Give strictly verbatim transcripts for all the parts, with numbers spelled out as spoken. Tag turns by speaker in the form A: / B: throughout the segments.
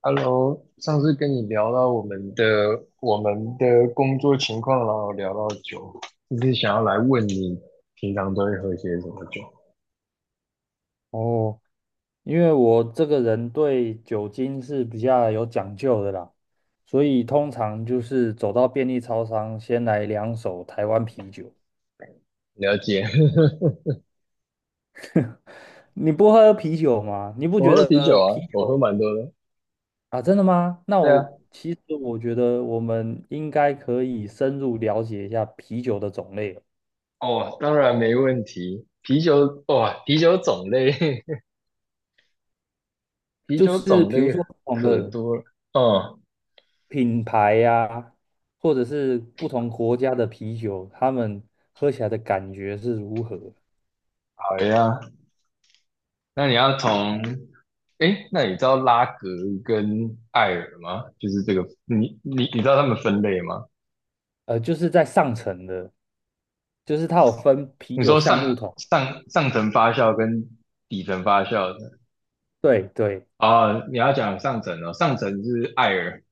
A: Hello，上次跟你聊到我们的我们的工作情况，然后聊到酒，就是想要来问你平常都会喝些什么酒？
B: 哦，因为我这个人对酒精是比较有讲究的啦，所以通常就是走到便利超商，先来两手台湾啤酒。
A: 了解，
B: 你不喝啤酒吗？你 不
A: 我
B: 觉
A: 喝啤酒
B: 得啤
A: 啊，我喝
B: 酒
A: 蛮多的。
B: 啊，真的吗？那
A: 对啊，
B: 我其实我觉得我们应该可以深入了解一下啤酒的种类，
A: 哦，当然没问题。啤酒，哇、啤酒种类，啤
B: 就
A: 酒
B: 是
A: 种
B: 比如
A: 类
B: 说不同
A: 可
B: 的
A: 多了。嗯，
B: 品牌呀、或者是不同国家的啤酒，他们喝起来的感觉是如何。
A: 好呀。那你要从，诶，那你知道拉格跟艾尔吗？就是这个，你你你知道他们分类吗？
B: 呃，就是在上层的，就是它有分啤
A: 你
B: 酒
A: 说
B: 橡木
A: 上
B: 桶，
A: 上上层发酵跟底层发酵的
B: 对对，
A: 哦，你要讲上层哦，上层是艾尔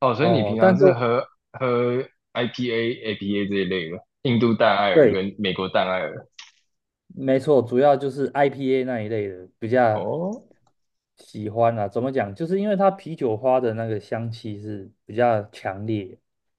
A: 哦，所以你平
B: 哦，
A: 常
B: 但是
A: 是喝喝 I P A、A P A 这一类的，印度淡艾尔
B: 对，
A: 跟美国淡艾尔
B: 没错，主要就是 I P A 那一类的比较
A: 哦，
B: 喜欢啊。怎么讲？就是因为它啤酒花的那个香气是比较强烈，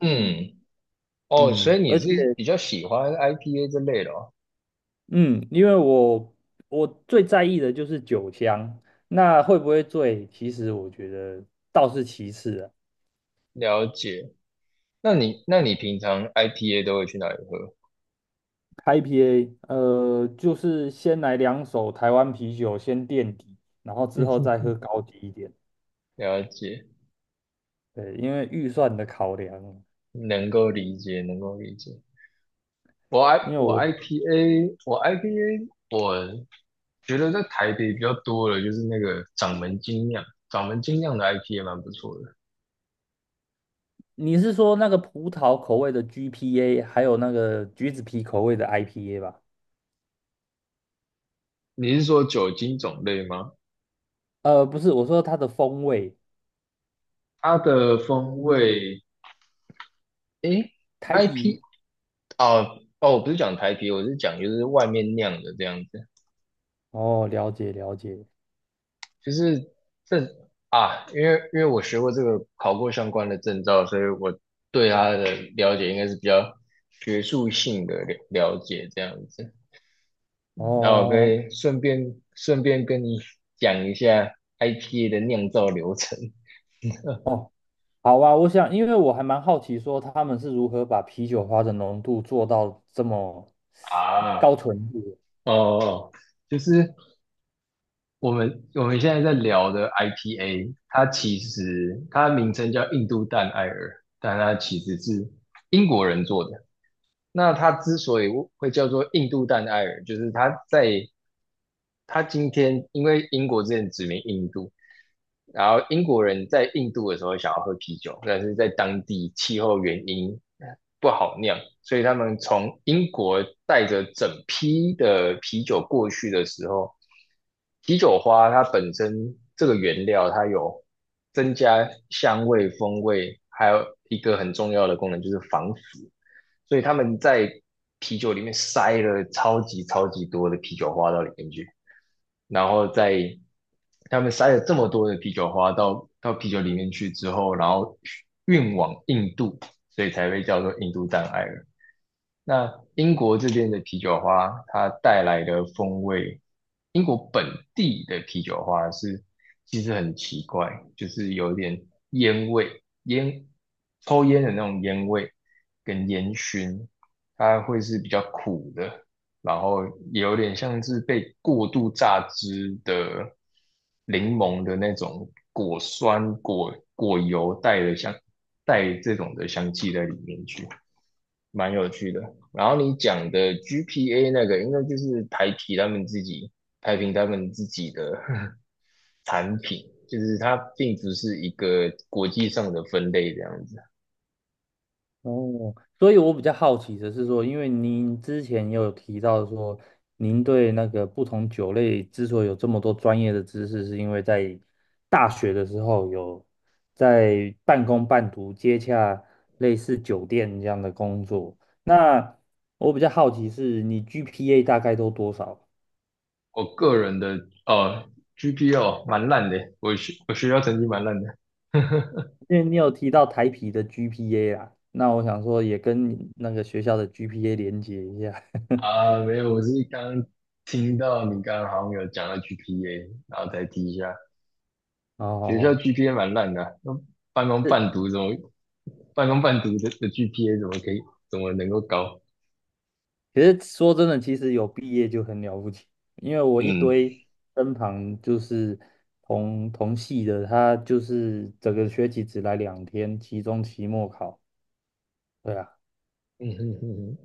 A: 嗯，哦，所
B: 嗯，
A: 以你
B: 而且
A: 是比较喜欢 I P A 这类的哦，
B: 嗯，因为我我最在意的就是酒香，那会不会醉，其实我觉得倒是其次啊。
A: 了解。那你那你平常 I P A 都会去哪里喝？
B: I P A，呃，就是先来两手台湾啤酒先垫底，然后之后再喝高级一点。
A: 了解，
B: 对，因为预算的考量，
A: 能够理解，能够理解。我
B: 因
A: I
B: 为
A: 我
B: 我
A: I P A 我 I P A 我觉得在台北比较多的就是那个掌门精酿，掌门精酿的 I P 也蛮不错的。
B: 你是说那个葡萄口味的 G P A，还有那个橘子皮口味的 I P A 吧？
A: 你是说酒精种类吗？
B: 呃，不是，我说它的风味，
A: 它的风味，诶
B: 台
A: ，I P
B: 啤。
A: 哦哦，我不是讲台啤，我是讲就是外面酿的这样子，
B: 哦，了解了解。
A: 就是这啊，因为因为我学过这个，考过相关的证照，所以我对它的了解应该是比较学术性的了了解这样子。那我可
B: 哦
A: 以顺便顺便跟你讲一下 I P A 的酿造流程。
B: 哦，好啊，我想，因为我还蛮好奇，说他们是如何把啤酒花的浓度做到这么高
A: 啊，
B: 纯度的。
A: 哦哦，就是我们我们现在在聊的 I P A，它其实它名称叫印度淡艾尔，但它其实是英国人做的。那它之所以会叫做印度淡艾尔，就是它在他今天因为英国之前殖民印度，然后英国人在印度的时候想要喝啤酒，但是在当地气候原因不好酿，所以他们从英国带着整批的啤酒过去的时候，啤酒花它本身这个原料它有增加香味、风味，还有一个很重要的功能就是防腐，所以他们在啤酒里面塞了超级超级多的啤酒花到里面去。然后在他们塞了这么多的啤酒花到到啤酒里面去之后，然后运往印度，所以才被叫做印度障碍了。那英国这边的啤酒花，它带来的风味，英国本地的啤酒花是其实很奇怪，就是有点烟味，烟抽烟的那种烟味跟烟熏，它会是比较苦的，然后也有点像是被过度榨汁的柠檬的那种果酸果果油带的香带这种的香气在里面去。蛮有趣的。然后你讲的 G P A 那个，应该就是台啤他们自己台啤他们自己的 产品，就是它并不是一个国际上的分类这样子。
B: 哦，所以我比较好奇的是说，因为您之前也有提到说，您对那个不同酒类之所以有这么多专业的知识，是因为在大学的时候有在半工半读接洽类似酒店这样的工作。那我比较好奇是你 G P A 大概都多少？
A: 我个人的哦 G P A 哦蛮烂的，我学我学校成绩蛮烂的。
B: 因为你有提到台啤的 G P A 啊，那我想说也跟你那个学校的 G P A 连接一下。
A: 啊，没有，我是刚听到你刚刚好像有讲到 G P A，然后再提一下。学校
B: 哦，
A: G P A 蛮烂的啊那半工半读怎么半工半读的的 G P A 怎么可以怎么能够高？
B: 其实说真的，其实有毕业就很了不起，因为我一
A: 嗯
B: 堆身旁就是同同系的，他就是整个学期只来两天，期中、期末考，对啊，
A: 嗯哼哼哼，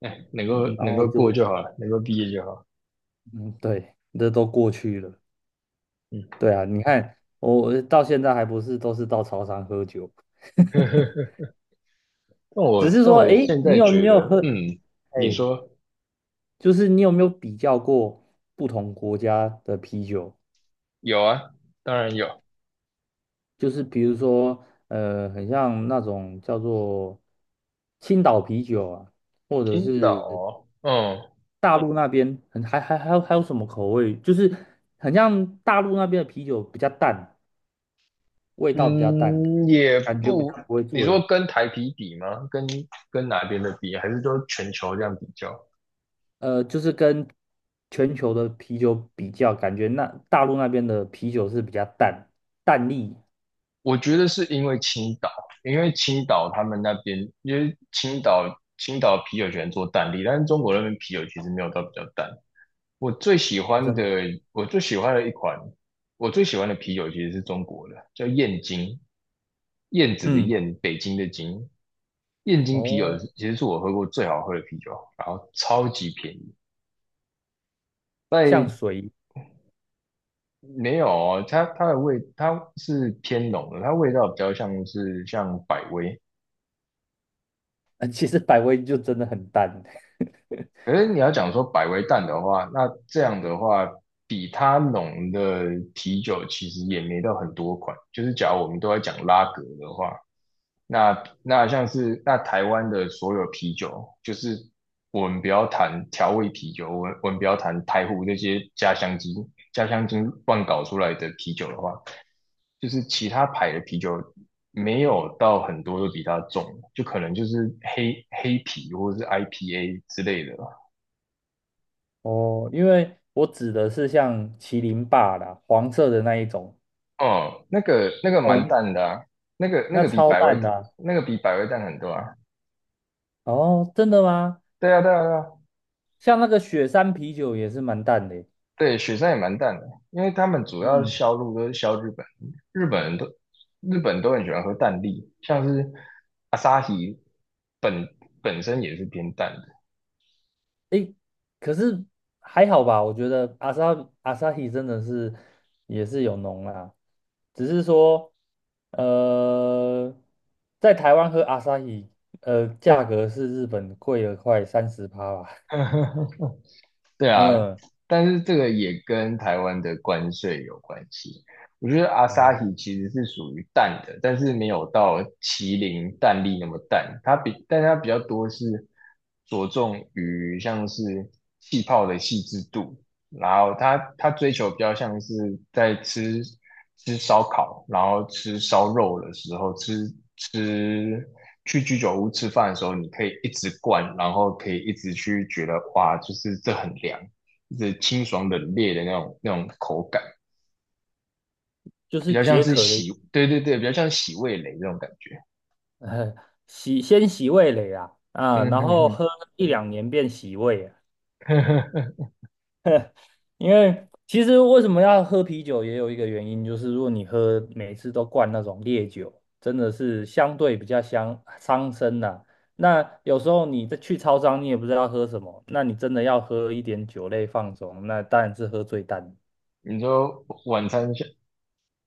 A: 哎，能够
B: 嗯然
A: 能
B: 后
A: 够过
B: 就
A: 就好了，能够毕业就好。
B: 嗯，对，这都过去了，
A: 嗯，
B: 对啊，你看我到现在还不是都是到超商喝酒，
A: 但
B: 只
A: 我
B: 是
A: 但
B: 说，
A: 我
B: 诶，
A: 现在
B: 你有
A: 觉
B: 没有
A: 得，
B: 喝？
A: 嗯，你
B: 哎，
A: 说
B: 就是你有没有比较过不同国家的啤酒？
A: 有啊，当然有，
B: 就是比如说，呃，很像那种叫做青岛啤酒啊，或者
A: 青岛
B: 是
A: 哦，嗯
B: 大陆那边很还还还有还有什么口味，就是很像大陆那边的啤酒比较淡，味道比较淡，
A: 嗯，也
B: 感觉比
A: 不，
B: 较不会
A: 你说
B: 醉。
A: 跟台啤比吗？跟跟哪边的比，还是说全球这样比较？
B: 呃，就是跟全球的啤酒比较，感觉那大陆那边的啤酒是比较淡，淡丽
A: 我觉得是因为青岛，因为青岛他们那边，因为青岛青岛啤酒喜欢做淡力，但是中国那边啤酒其实没有到比较淡。我最喜
B: 哦，
A: 欢
B: 真
A: 的，
B: 的啊
A: 我最喜欢的一款，我最喜欢的啤酒其实是中国的，叫燕京，燕子的
B: 嗯，
A: 燕，北京的京。燕京啤酒
B: 哦，
A: 其实是我喝过最好喝的啤酒，然后超级便宜。
B: 像
A: 在
B: 水，
A: 没有哦，它它的味它是偏浓的，它味道比较像是像百威，
B: 呃其实百威就真的很淡。
A: 可是你要讲说百威淡的话，那这样的话，比它浓的啤酒其实也没到很多款。就是假如我们都在讲拉格的话，那那像是那台湾的所有啤酒，就是我们不要谈调味啤酒，我们我们不要谈台湖那些家乡精、家乡精乱搞出来的啤酒的话，就是其他牌的啤酒没有到很多都比它重，就可能就是黑黑啤或者是 I P A 之类的。
B: 哦，因为我指的是像麒麟霸啦，黄色的那一种。
A: 哦，那个那个蛮
B: 哦，
A: 淡的啊，那个那
B: 那
A: 个比
B: 超
A: 百威
B: 淡的啊
A: 那个比百威淡很多啊。
B: 哦，真的吗？
A: 对啊，对啊，对啊，
B: 像那个雪山啤酒也是蛮淡的耶
A: 对，雪山也蛮淡的，因为他们主要
B: 嗯，
A: 销路都是销日本，日本人都日本都很喜欢喝淡力，像是阿萨奇本本身也是偏淡的。
B: 诶，可是还好吧，我觉得阿萨阿萨希真的是也是有浓啦，只是说，呃，在台湾喝阿萨希，呃，价格是日本贵了快三十趴吧。
A: 对 啊，
B: 嗯，
A: 但是这个也跟台湾的关税有关系。我觉得阿萨
B: 哦，
A: 希其实是属于淡的，但是没有到麒麟淡丽那么淡。它比，但它比较多是着重于像是气泡的细致度，然后他他追求比较像是在吃吃烧烤，然后吃烧肉的时候，吃吃去居酒屋吃饭的时候，你可以一直灌，然后可以一直去觉得哇，就是这很凉，就是清爽冷冽的那种那种口感，
B: 就
A: 比
B: 是
A: 较像
B: 解
A: 是
B: 渴的。
A: 洗，对对对，比较像洗味蕾这种感觉。
B: 呃，洗先洗味蕾啊，啊，
A: 嗯
B: 然后
A: 哼
B: 喝一两年变洗胃啊。
A: 哼，
B: 因为其实为什么要喝啤酒，也有一个原因，就是如果你喝每次都灌那种烈酒，真的是相对比较伤伤身呐、那有时候你再去超商，你也不知道喝什么，那你真的要喝一点酒类放松，那当然是喝最淡。
A: 你说晚餐下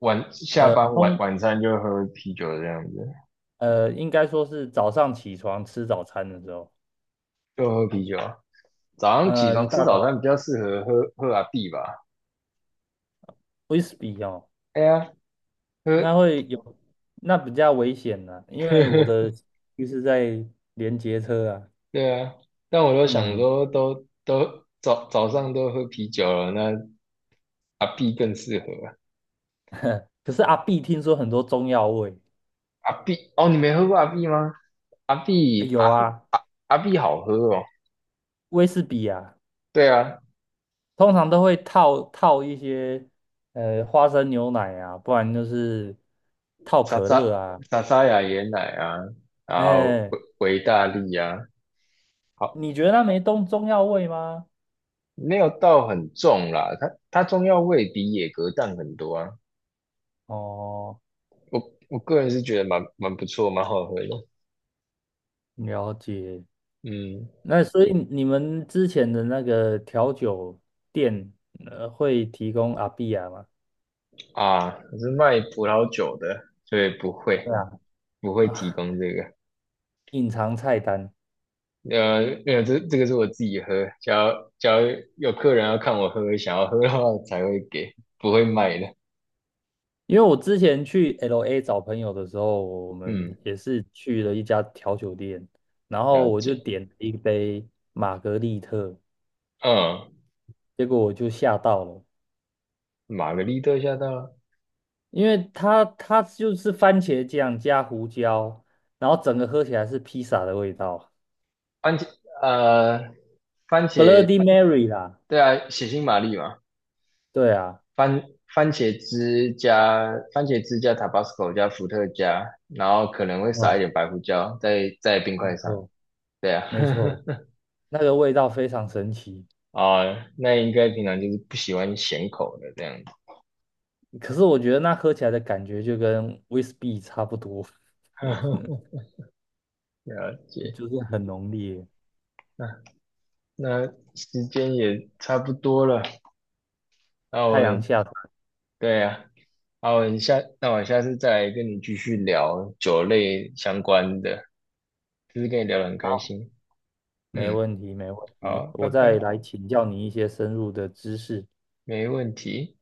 A: 晚下
B: 呃，
A: 班晚
B: 通
A: 晚餐就喝啤酒这样子，
B: 呃，应该说是早上起床吃早餐的时候，
A: 就喝啤酒啊早上起
B: 呃，一
A: 床吃
B: 大
A: 早
B: 早
A: 餐比较适合喝喝阿碧吧？
B: whisky 哦。
A: 哎呀，
B: 那
A: 喝
B: 会 有，那比较危险呢、因
A: 呵
B: 为我的
A: 呵，
B: 就是在连接车啊，
A: 对啊。但我都想
B: 嗯，
A: 说都，都早早上都喝啤酒了，那阿碧更适合。
B: 可是阿碧听说很多中药味，
A: 阿碧哦，你没喝过阿碧吗？阿
B: 呃
A: 碧阿
B: 有啊，
A: 阿阿碧好喝哦。
B: 威士忌啊，
A: 对啊，
B: 通常都会套套一些呃花生牛奶啊，不然就是套
A: 莎
B: 可乐
A: 莎
B: 啊，
A: 莎莎雅椰奶啊，然后
B: 哎、
A: 维维大利啊，好，
B: 你觉得那没中中药味吗？
A: 没有到很重啦。它它中药味比野格淡很多啊。
B: 哦，
A: 我我个人是觉得蛮蛮不错，蛮好喝的。
B: 了解。
A: 嗯
B: 那所以你们之前的那个调酒店，呃，会提供阿碧亚吗？
A: 啊，我是卖葡萄酒的，所以不
B: 对
A: 会
B: 啊
A: 不会提
B: 啊，
A: 供这个。
B: 隐藏菜单。
A: 呃，没有，这这个是我自己喝，只要只要有客人要看我喝，想要喝的话才会给，不会卖的。
B: 因为我之前去 L A 找朋友的时候，我
A: 嗯，
B: 们也是去了一家调酒店，然
A: 了
B: 后我就
A: 解。
B: 点了一杯玛格丽特，
A: 嗯，
B: 结果我就吓到了，
A: 玛格丽特下到
B: 因为它它就是番茄酱加胡椒，然后整个喝起来是披萨的味道
A: 番茄，呃，番茄，
B: ，Bloody Mary 啦，
A: 对啊，血腥玛丽嘛，
B: 对啊，
A: 番番茄汁加番茄汁加 Tabasco 加伏特加，然后可能会撒一
B: 嗯，
A: 点白胡椒在在冰
B: 没
A: 块上。
B: 错
A: 对啊。
B: 没错，那个味道非常神奇，
A: 啊，那应该平常就是不喜欢咸口的这样子。
B: 可是我觉得那喝起来的感觉就跟 w h i s b y 差不多。
A: 了解，
B: 就是很浓烈。
A: 那那时间也差不多了，那
B: 太阳
A: 我
B: 下山，
A: 对啊，那我下那我下次再来跟你继续聊酒类相关的，就是跟你聊得很开
B: 好，
A: 心。
B: 没
A: 嗯，
B: 问题，没问题。
A: 好，拜
B: 我再
A: 拜，
B: 来请教你一些深入的知识。
A: 没问题。